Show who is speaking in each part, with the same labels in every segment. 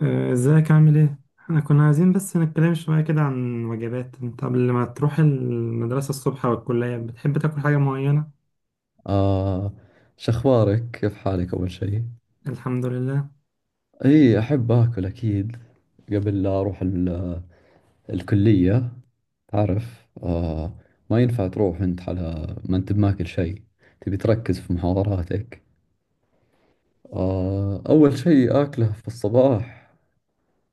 Speaker 1: ازيك عامل ايه؟ احنا كنا عايزين بس نتكلم شوية كده عن وجبات. انت قبل ما تروح المدرسة الصبح او الكلية بتحب تاكل حاجة معينة؟
Speaker 2: آه، شخبارك؟ كيف حالك أول شيء؟
Speaker 1: الحمد لله.
Speaker 2: إي، أحب أكل أكيد. قبل لا أروح الكلية، تعرف، ما ينفع تروح أنت على ما أنت بماكل شيء، تبي تركز في محاضراتك. أول شيء آكله في الصباح،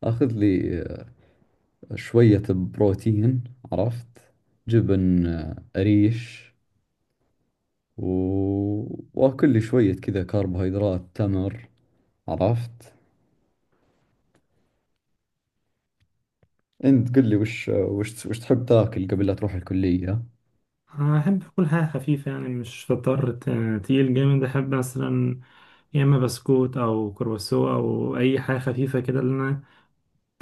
Speaker 2: آخذ لي شوية بروتين، عرفت؟ جبن، قريش، و... وآكل لي شوية كذا كربوهيدرات، تمر، عرفت؟ انت قل لي، وش تحب تاكل قبل لا تروح الكلية؟
Speaker 1: أنا أحب أكل حاجة خفيفة، يعني مش فطار تقيل جامد. أحب مثلا يا إما بسكوت أو كرواسو أو أي حاجة خفيفة كده اللي أنا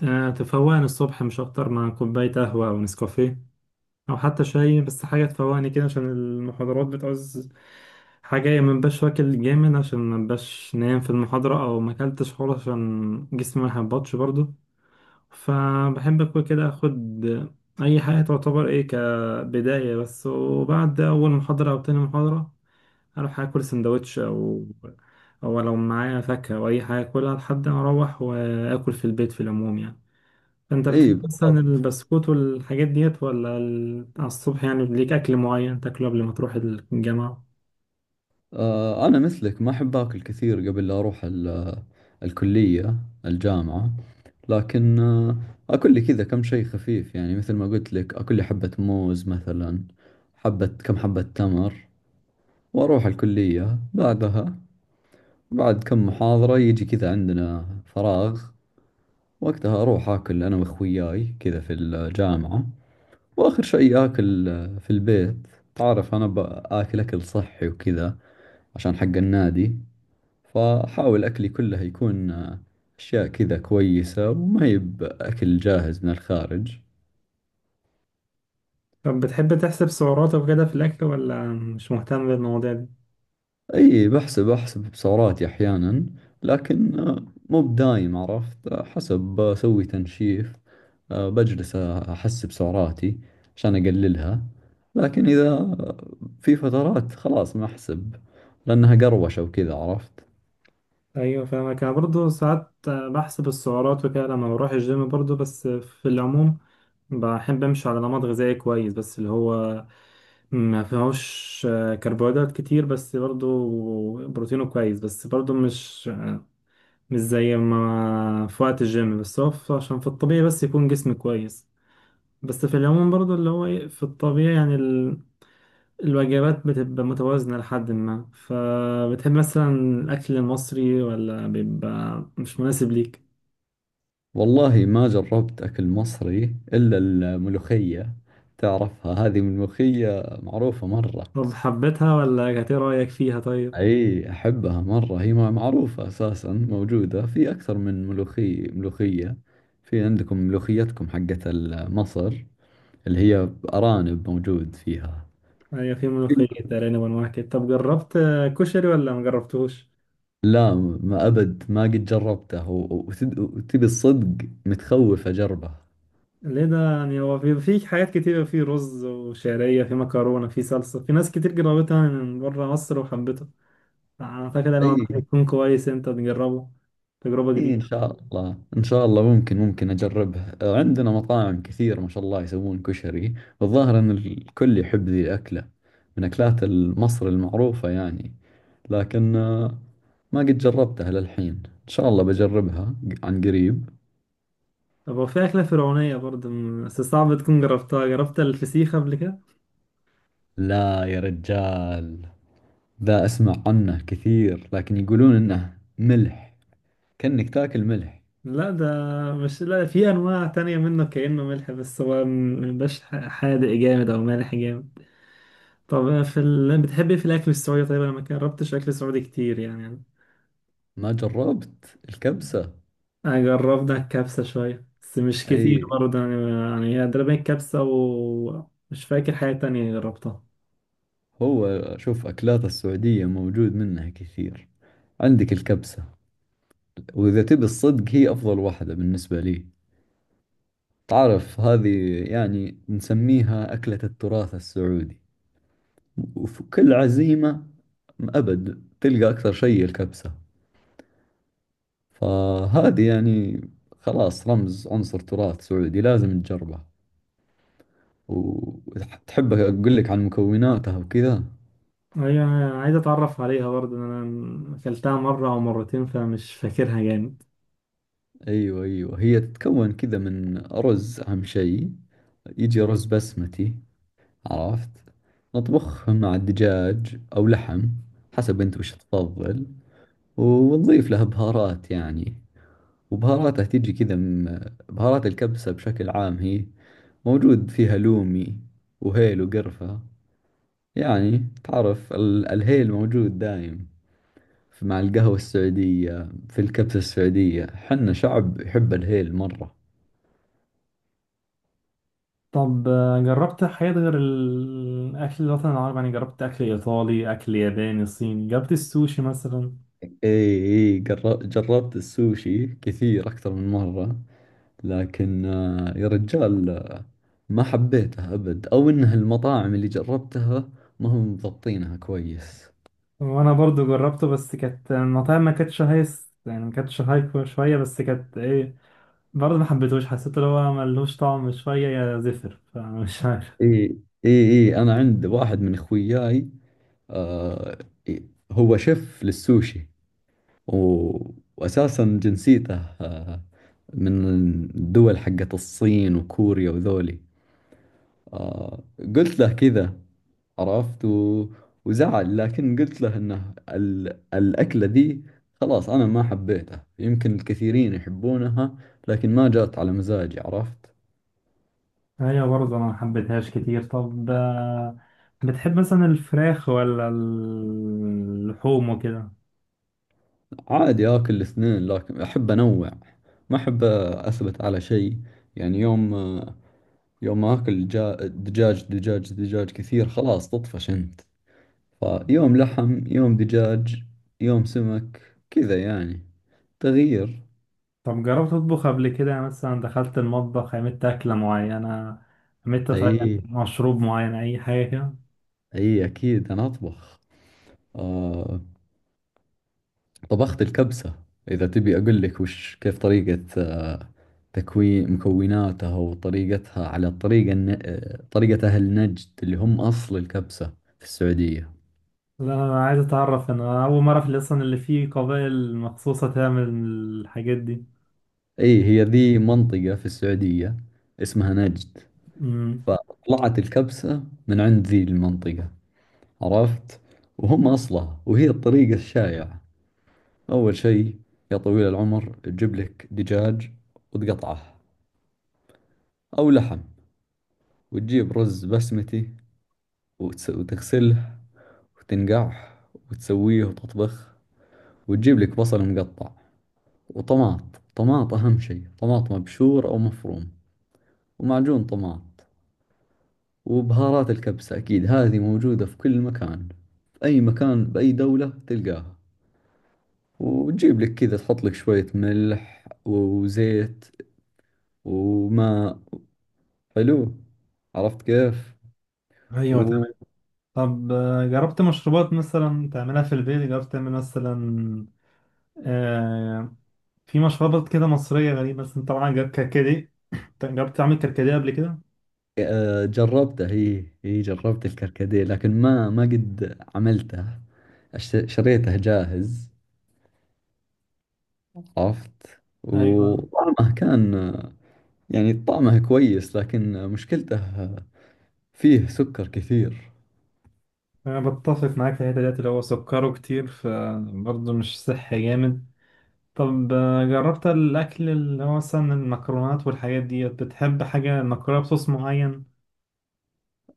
Speaker 1: تفوقني الصبح، مش أكتر، مع كوباية قهوة أو نسكافيه او حتى شاي. بس حاجه تفوقني كده عشان المحاضرات بتعوز حاجه، يا منبقاش واكل جامد عشان منبقاش نايم في المحاضره، او ما اكلتش خالص عشان جسمي ما يهبطش برضو. فبحب اكل كده، اخد اي حاجه تعتبر ايه كبدايه بس، وبعد اول محاضره او تاني محاضره اروح اكل سندوتش، او لو معايا فاكهه او اي حاجه اكلها لحد ما اروح واكل في البيت، في العموم يعني. انت
Speaker 2: اي،
Speaker 1: بتحب مثلا
Speaker 2: بالضبط.
Speaker 1: البسكوت والحاجات ديت ولا على الصبح يعني ليك اكل معين تاكله قبل ما تروح الجامعة؟
Speaker 2: انا مثلك، ما احب اكل كثير قبل لا اروح ال- الكلية الجامعة. لكن اكل لي كذا كم شيء خفيف، يعني مثل ما قلت لك، اكل لي حبة موز مثلا، كم حبة تمر، واروح الكلية بعدها. بعد كم محاضرة يجي كذا عندنا فراغ، وقتها اروح اكل انا واخوياي كذا في الجامعة. واخر شيء اكل في البيت. تعرف، انا باكل اكل صحي وكذا عشان حق النادي، فحاول اكلي كله يكون اشياء كذا كويسة، وما يب اكل جاهز من الخارج.
Speaker 1: طب بتحب تحسب سعراتك وكده في الاكل ولا مش مهتم بالمواضيع دي؟
Speaker 2: اي، احسب سعراتي احيانا، لكن مو بدايم، عرفت؟ حسب بسوي تنشيف، بجلس احسب سعراتي عشان اقللها. لكن اذا في فترات خلاص ما احسب، لأنها قروشة وكذا، عرفت؟
Speaker 1: ايوه فاهمك، انا برضه ساعات بحسب السعرات وكده لما بروح الجيم برضه، بس في العموم بحب امشي على نمط غذائي كويس، بس اللي هو ما فيهوش كربوهيدرات كتير، بس برضه بروتينه كويس، بس برضه مش زي ما في وقت الجيم، بس هو عشان في الطبيعي بس يكون جسم كويس. بس في العموم برضو اللي هو في الطبيعي يعني الوجبات بتبقى متوازنة لحد ما. فبتحب مثلا الأكل المصري ولا بيبقى مش مناسب ليك؟
Speaker 2: والله ما جربت أكل مصري إلا الملوخية. تعرفها، هذه الملوخية معروفة مرة.
Speaker 1: طب حبيتها ولا كانت ايه رأيك فيها طيب؟
Speaker 2: أي، أحبها مرة. هي معروفة أساسا، موجودة في أكثر من ملوخية. في عندكم ملوخيتكم حقت مصر، اللي هي أرانب موجود فيها.
Speaker 1: هي في ملوخية أرانب وأنواع كده. طب جربت كشري ولا ما جربتوش؟
Speaker 2: لا، ما أبد، ما قد جربته، وتبي الصدق، متخوف أجربه.
Speaker 1: ليه ده يعني؟ هو في حاجات كتير، في رز وشعرية، في مكرونة، في صلصة، في ناس كتير جربتها من بره مصر وحبتها. اعتقد انا
Speaker 2: أي،
Speaker 1: الموضوع هيكون كويس انت تجربه، تجربة
Speaker 2: إيه، إن
Speaker 1: جديدة.
Speaker 2: شاء الله إن شاء الله، ممكن أجربها. عندنا مطاعم كثير ما شاء الله يسوون كشري، والظاهر أن الكل يحب ذي الأكلة، من أكلات مصر المعروفة يعني. لكن ما قد جربتها للحين، إن شاء الله بجربها عن قريب.
Speaker 1: طب هو في أكلة فرعونية برضه بس صعب تكون جربتها. جربت الفسيخ قبل كده؟
Speaker 2: لا يا رجال، ذا أسمع عنه كثير، لكن يقولون إنه ملح، كأنك تاكل ملح.
Speaker 1: لا ده، مش، لا في أنواع تانية منه كأنه ملح، بس هو مبيبقاش حادق جامد أو مالح جامد. طب في بتحب إيه في الأكل السعودي؟ طيب أنا ما جربتش أكل سعودي كتير يعني.
Speaker 2: ما جربت الكبسة.
Speaker 1: أنا جربت الكبسة شوية، بس مش كتير
Speaker 2: أي،
Speaker 1: برضه يعني هي تقريبا الكبسة، ومش فاكر حاجة تانية جربتها.
Speaker 2: هو شوف، أكلات السعودية موجود منها كثير. عندك الكبسة، وإذا تبي الصدق هي أفضل واحدة بالنسبة لي. تعرف، هذه يعني نسميها أكلة التراث السعودي، وفي كل عزيمة أبد تلقى أكثر شيء الكبسة. فهذه يعني خلاص رمز، عنصر تراث سعودي، لازم تجربه. وتحب أقول لك عن مكوناتها وكذا؟
Speaker 1: هي عايز اتعرف عليها برضه، انا اكلتها مره او مرتين فمش فاكرها جامد.
Speaker 2: أيوة، أيوة، هي تتكون كذا من أرز أهم شيء، يجي رز بسمتي، عرفت؟ نطبخهم مع الدجاج أو لحم، حسب أنت وش تفضل، ونضيف لها بهارات يعني. وبهاراتها تيجي كذا من بهارات الكبسة. بشكل عام، هي موجود فيها لومي وهيل وقرفة. يعني تعرف، الهيل موجود دايم مع القهوة السعودية، في الكبسة السعودية. حنا شعب يحب الهيل مرة.
Speaker 1: طب جربت حاجات غير الأكل الوطني العربي؟ يعني جربت أكل إيطالي، أكل ياباني، صيني، جربت السوشي مثلا؟
Speaker 2: اي، اي، جربت السوشي كثير، أكثر من مرة، لكن يا رجال ما حبيتها أبد. أو إنها المطاعم اللي جربتها ما هم مضبطينها كويس.
Speaker 1: وأنا برضو جربته بس كانت المطاعم ما كانتش هايس يعني، ما كانتش هاي شوية، بس كانت إيه، برضه ما حبيتهوش، حسيت اللي هو ملهوش طعم شوية، يا زفر، فمش عارف.
Speaker 2: إي، إي، إي، أنا عند واحد من إخوياي، آه إي- هو شيف للسوشي، و... وأساسا جنسيته آه من الدول حقت الصين وكوريا وذولي. آه قلت له كذا، عرفت، وزعل، لكن قلت له انه الأكلة ذي خلاص أنا ما حبيتها. يمكن الكثيرين يحبونها، لكن ما جات على مزاجي، عرفت؟
Speaker 1: هي برضه انا محبتهاش كتير. طب بتحب مثلا الفراخ ولا اللحوم وكده؟
Speaker 2: عادي، آكل الاثنين، لكن أحب أنوع، ما أحب أثبت على شيء. يعني يوم، يوم آكل دجاج، دجاج دجاج كثير خلاص تطفش أنت. فيوم لحم، يوم دجاج، يوم سمك، كذا يعني، تغيير.
Speaker 1: طب جربت تطبخ قبل كده؟ يعني مثلا دخلت المطبخ عملت أكلة معينة، عملت طيب،
Speaker 2: أي،
Speaker 1: مشروب معين، أي حاجة كده؟
Speaker 2: أي، أكيد أنا أطبخ. آه طبخت الكبسة. إذا تبي أقول لك وش، كيف طريقة تكوين مكوناتها وطريقتها، على الطريقة الن... آه، طريقة أهل نجد، اللي هم أصل الكبسة في السعودية.
Speaker 1: لا أنا عايز أتعرف، أنا أول مرة في أصلا اللي فيه قبائل مخصوصة تعمل الحاجات دي.
Speaker 2: أي، هي ذي منطقة في السعودية اسمها نجد،
Speaker 1: امم.
Speaker 2: فطلعت الكبسة من عند ذي المنطقة، عرفت، وهم أصلها، وهي الطريقة الشائعة. أول شيء يا طويل العمر، تجيب لك دجاج وتقطعه، أو لحم، وتجيب رز بسمتي، وتغسله وتنقعه وتسويه وتطبخ، وتجيب لك بصل مقطع وطماط. طماط أهم شيء، طماط مبشور أو مفروم، ومعجون طماط، وبهارات الكبسة. أكيد هذه موجودة في كل مكان، في أي مكان بأي دولة تلقاها. وتجيب لك كذا، تحط لك شوية ملح وزيت وماء. حلو، عرفت كيف؟
Speaker 1: أيوة تمام.
Speaker 2: و...
Speaker 1: طب جربت مشروبات مثلا تعملها في البيت؟ جربت تعمل مثلا آه في مشروبات كده مصرية غريبة، بس انت طبعا جربت كركديه. انت جربت تعمل كركديه قبل كده؟
Speaker 2: آه، جربته. هي جربت الكركديه، لكن ما قد عملته، شريته جاهز، عرفت،
Speaker 1: ايوه،
Speaker 2: وطعمه كان يعني طعمه كويس، لكن مشكلته فيه سكر كثير.
Speaker 1: انا بتفق معاك في الحته ديت اللي هو سكره كتير فبرضه مش صحي جامد. طب جربت الاكل اللي هو مثلا المكرونات والحاجات ديت؟ بتحب حاجه مكرونه بصوص معين؟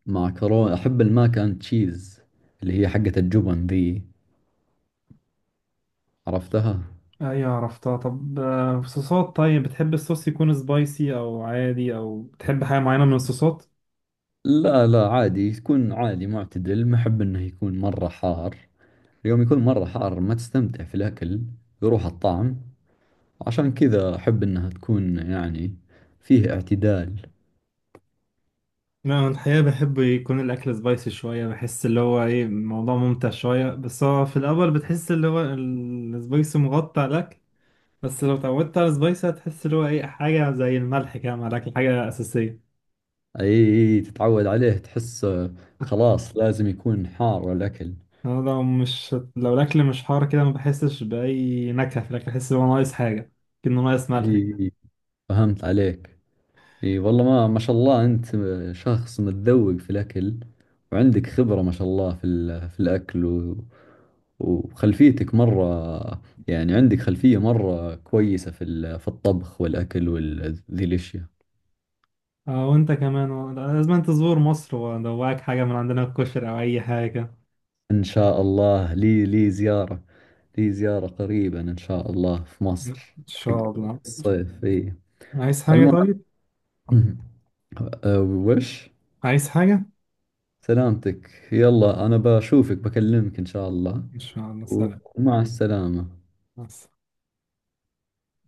Speaker 2: مع كورونا أحب الماك أند تشيز، اللي هي حقة الجبن ذي، عرفتها؟
Speaker 1: ايوه عرفتها. طب صوصات، طيب بتحب الصوص يكون سبايسي او عادي، او بتحب حاجه معينه من الصوصات؟
Speaker 2: لا، لا، عادي، تكون عادي معتدل. ما أحب إنه يكون مرة حار. اليوم يكون مرة حار، ما تستمتع في الأكل، يروح الطعم. عشان كذا أحب إنها تكون يعني فيه اعتدال.
Speaker 1: لا أنا الحقيقة بحب يكون الأكل سبايسي شوية، بحس اللي هو إيه، الموضوع ممتع شوية. بس هو في الأول بتحس اللي هو السبايسي مغطى على الأكل، بس لو اتعودت على السبايسي هتحس اللي هو إيه، حاجة زي الملح كده مع الأكل، حاجة أساسية.
Speaker 2: أي، تتعود عليه، تحس خلاص لازم يكون حار الأكل.
Speaker 1: أنا لو الأكل مش حار كده ما بحسش بأي نكهة في الأكل، بحس إن هو ناقص حاجة، كأنه ناقص ملح
Speaker 2: أي،
Speaker 1: كده.
Speaker 2: أي، فهمت عليك. أي، والله، ما شاء الله، أنت شخص متذوق في الأكل، وعندك خبرة ما شاء الله في الأكل، و وخلفيتك مرة، يعني عندك خلفية مرة كويسة في الطبخ والأكل ذي الأشياء.
Speaker 1: وأنت كمان لازم أنت تزور مصر وأدوقك حاجة من عندنا، الكشري أو أي حاجة.
Speaker 2: إن شاء الله، لي زيارة قريبا إن شاء الله في
Speaker 1: إن
Speaker 2: مصر، حق
Speaker 1: شاء الله.
Speaker 2: الصيف. إي،
Speaker 1: عايز حاجة
Speaker 2: المهم،
Speaker 1: طيب؟
Speaker 2: أه، وش
Speaker 1: عايز حاجة؟
Speaker 2: سلامتك، يلا، أنا بشوفك، بكلمك إن شاء الله،
Speaker 1: إن شاء الله، سلام.
Speaker 2: ومع السلامة.
Speaker 1: مع السلامة.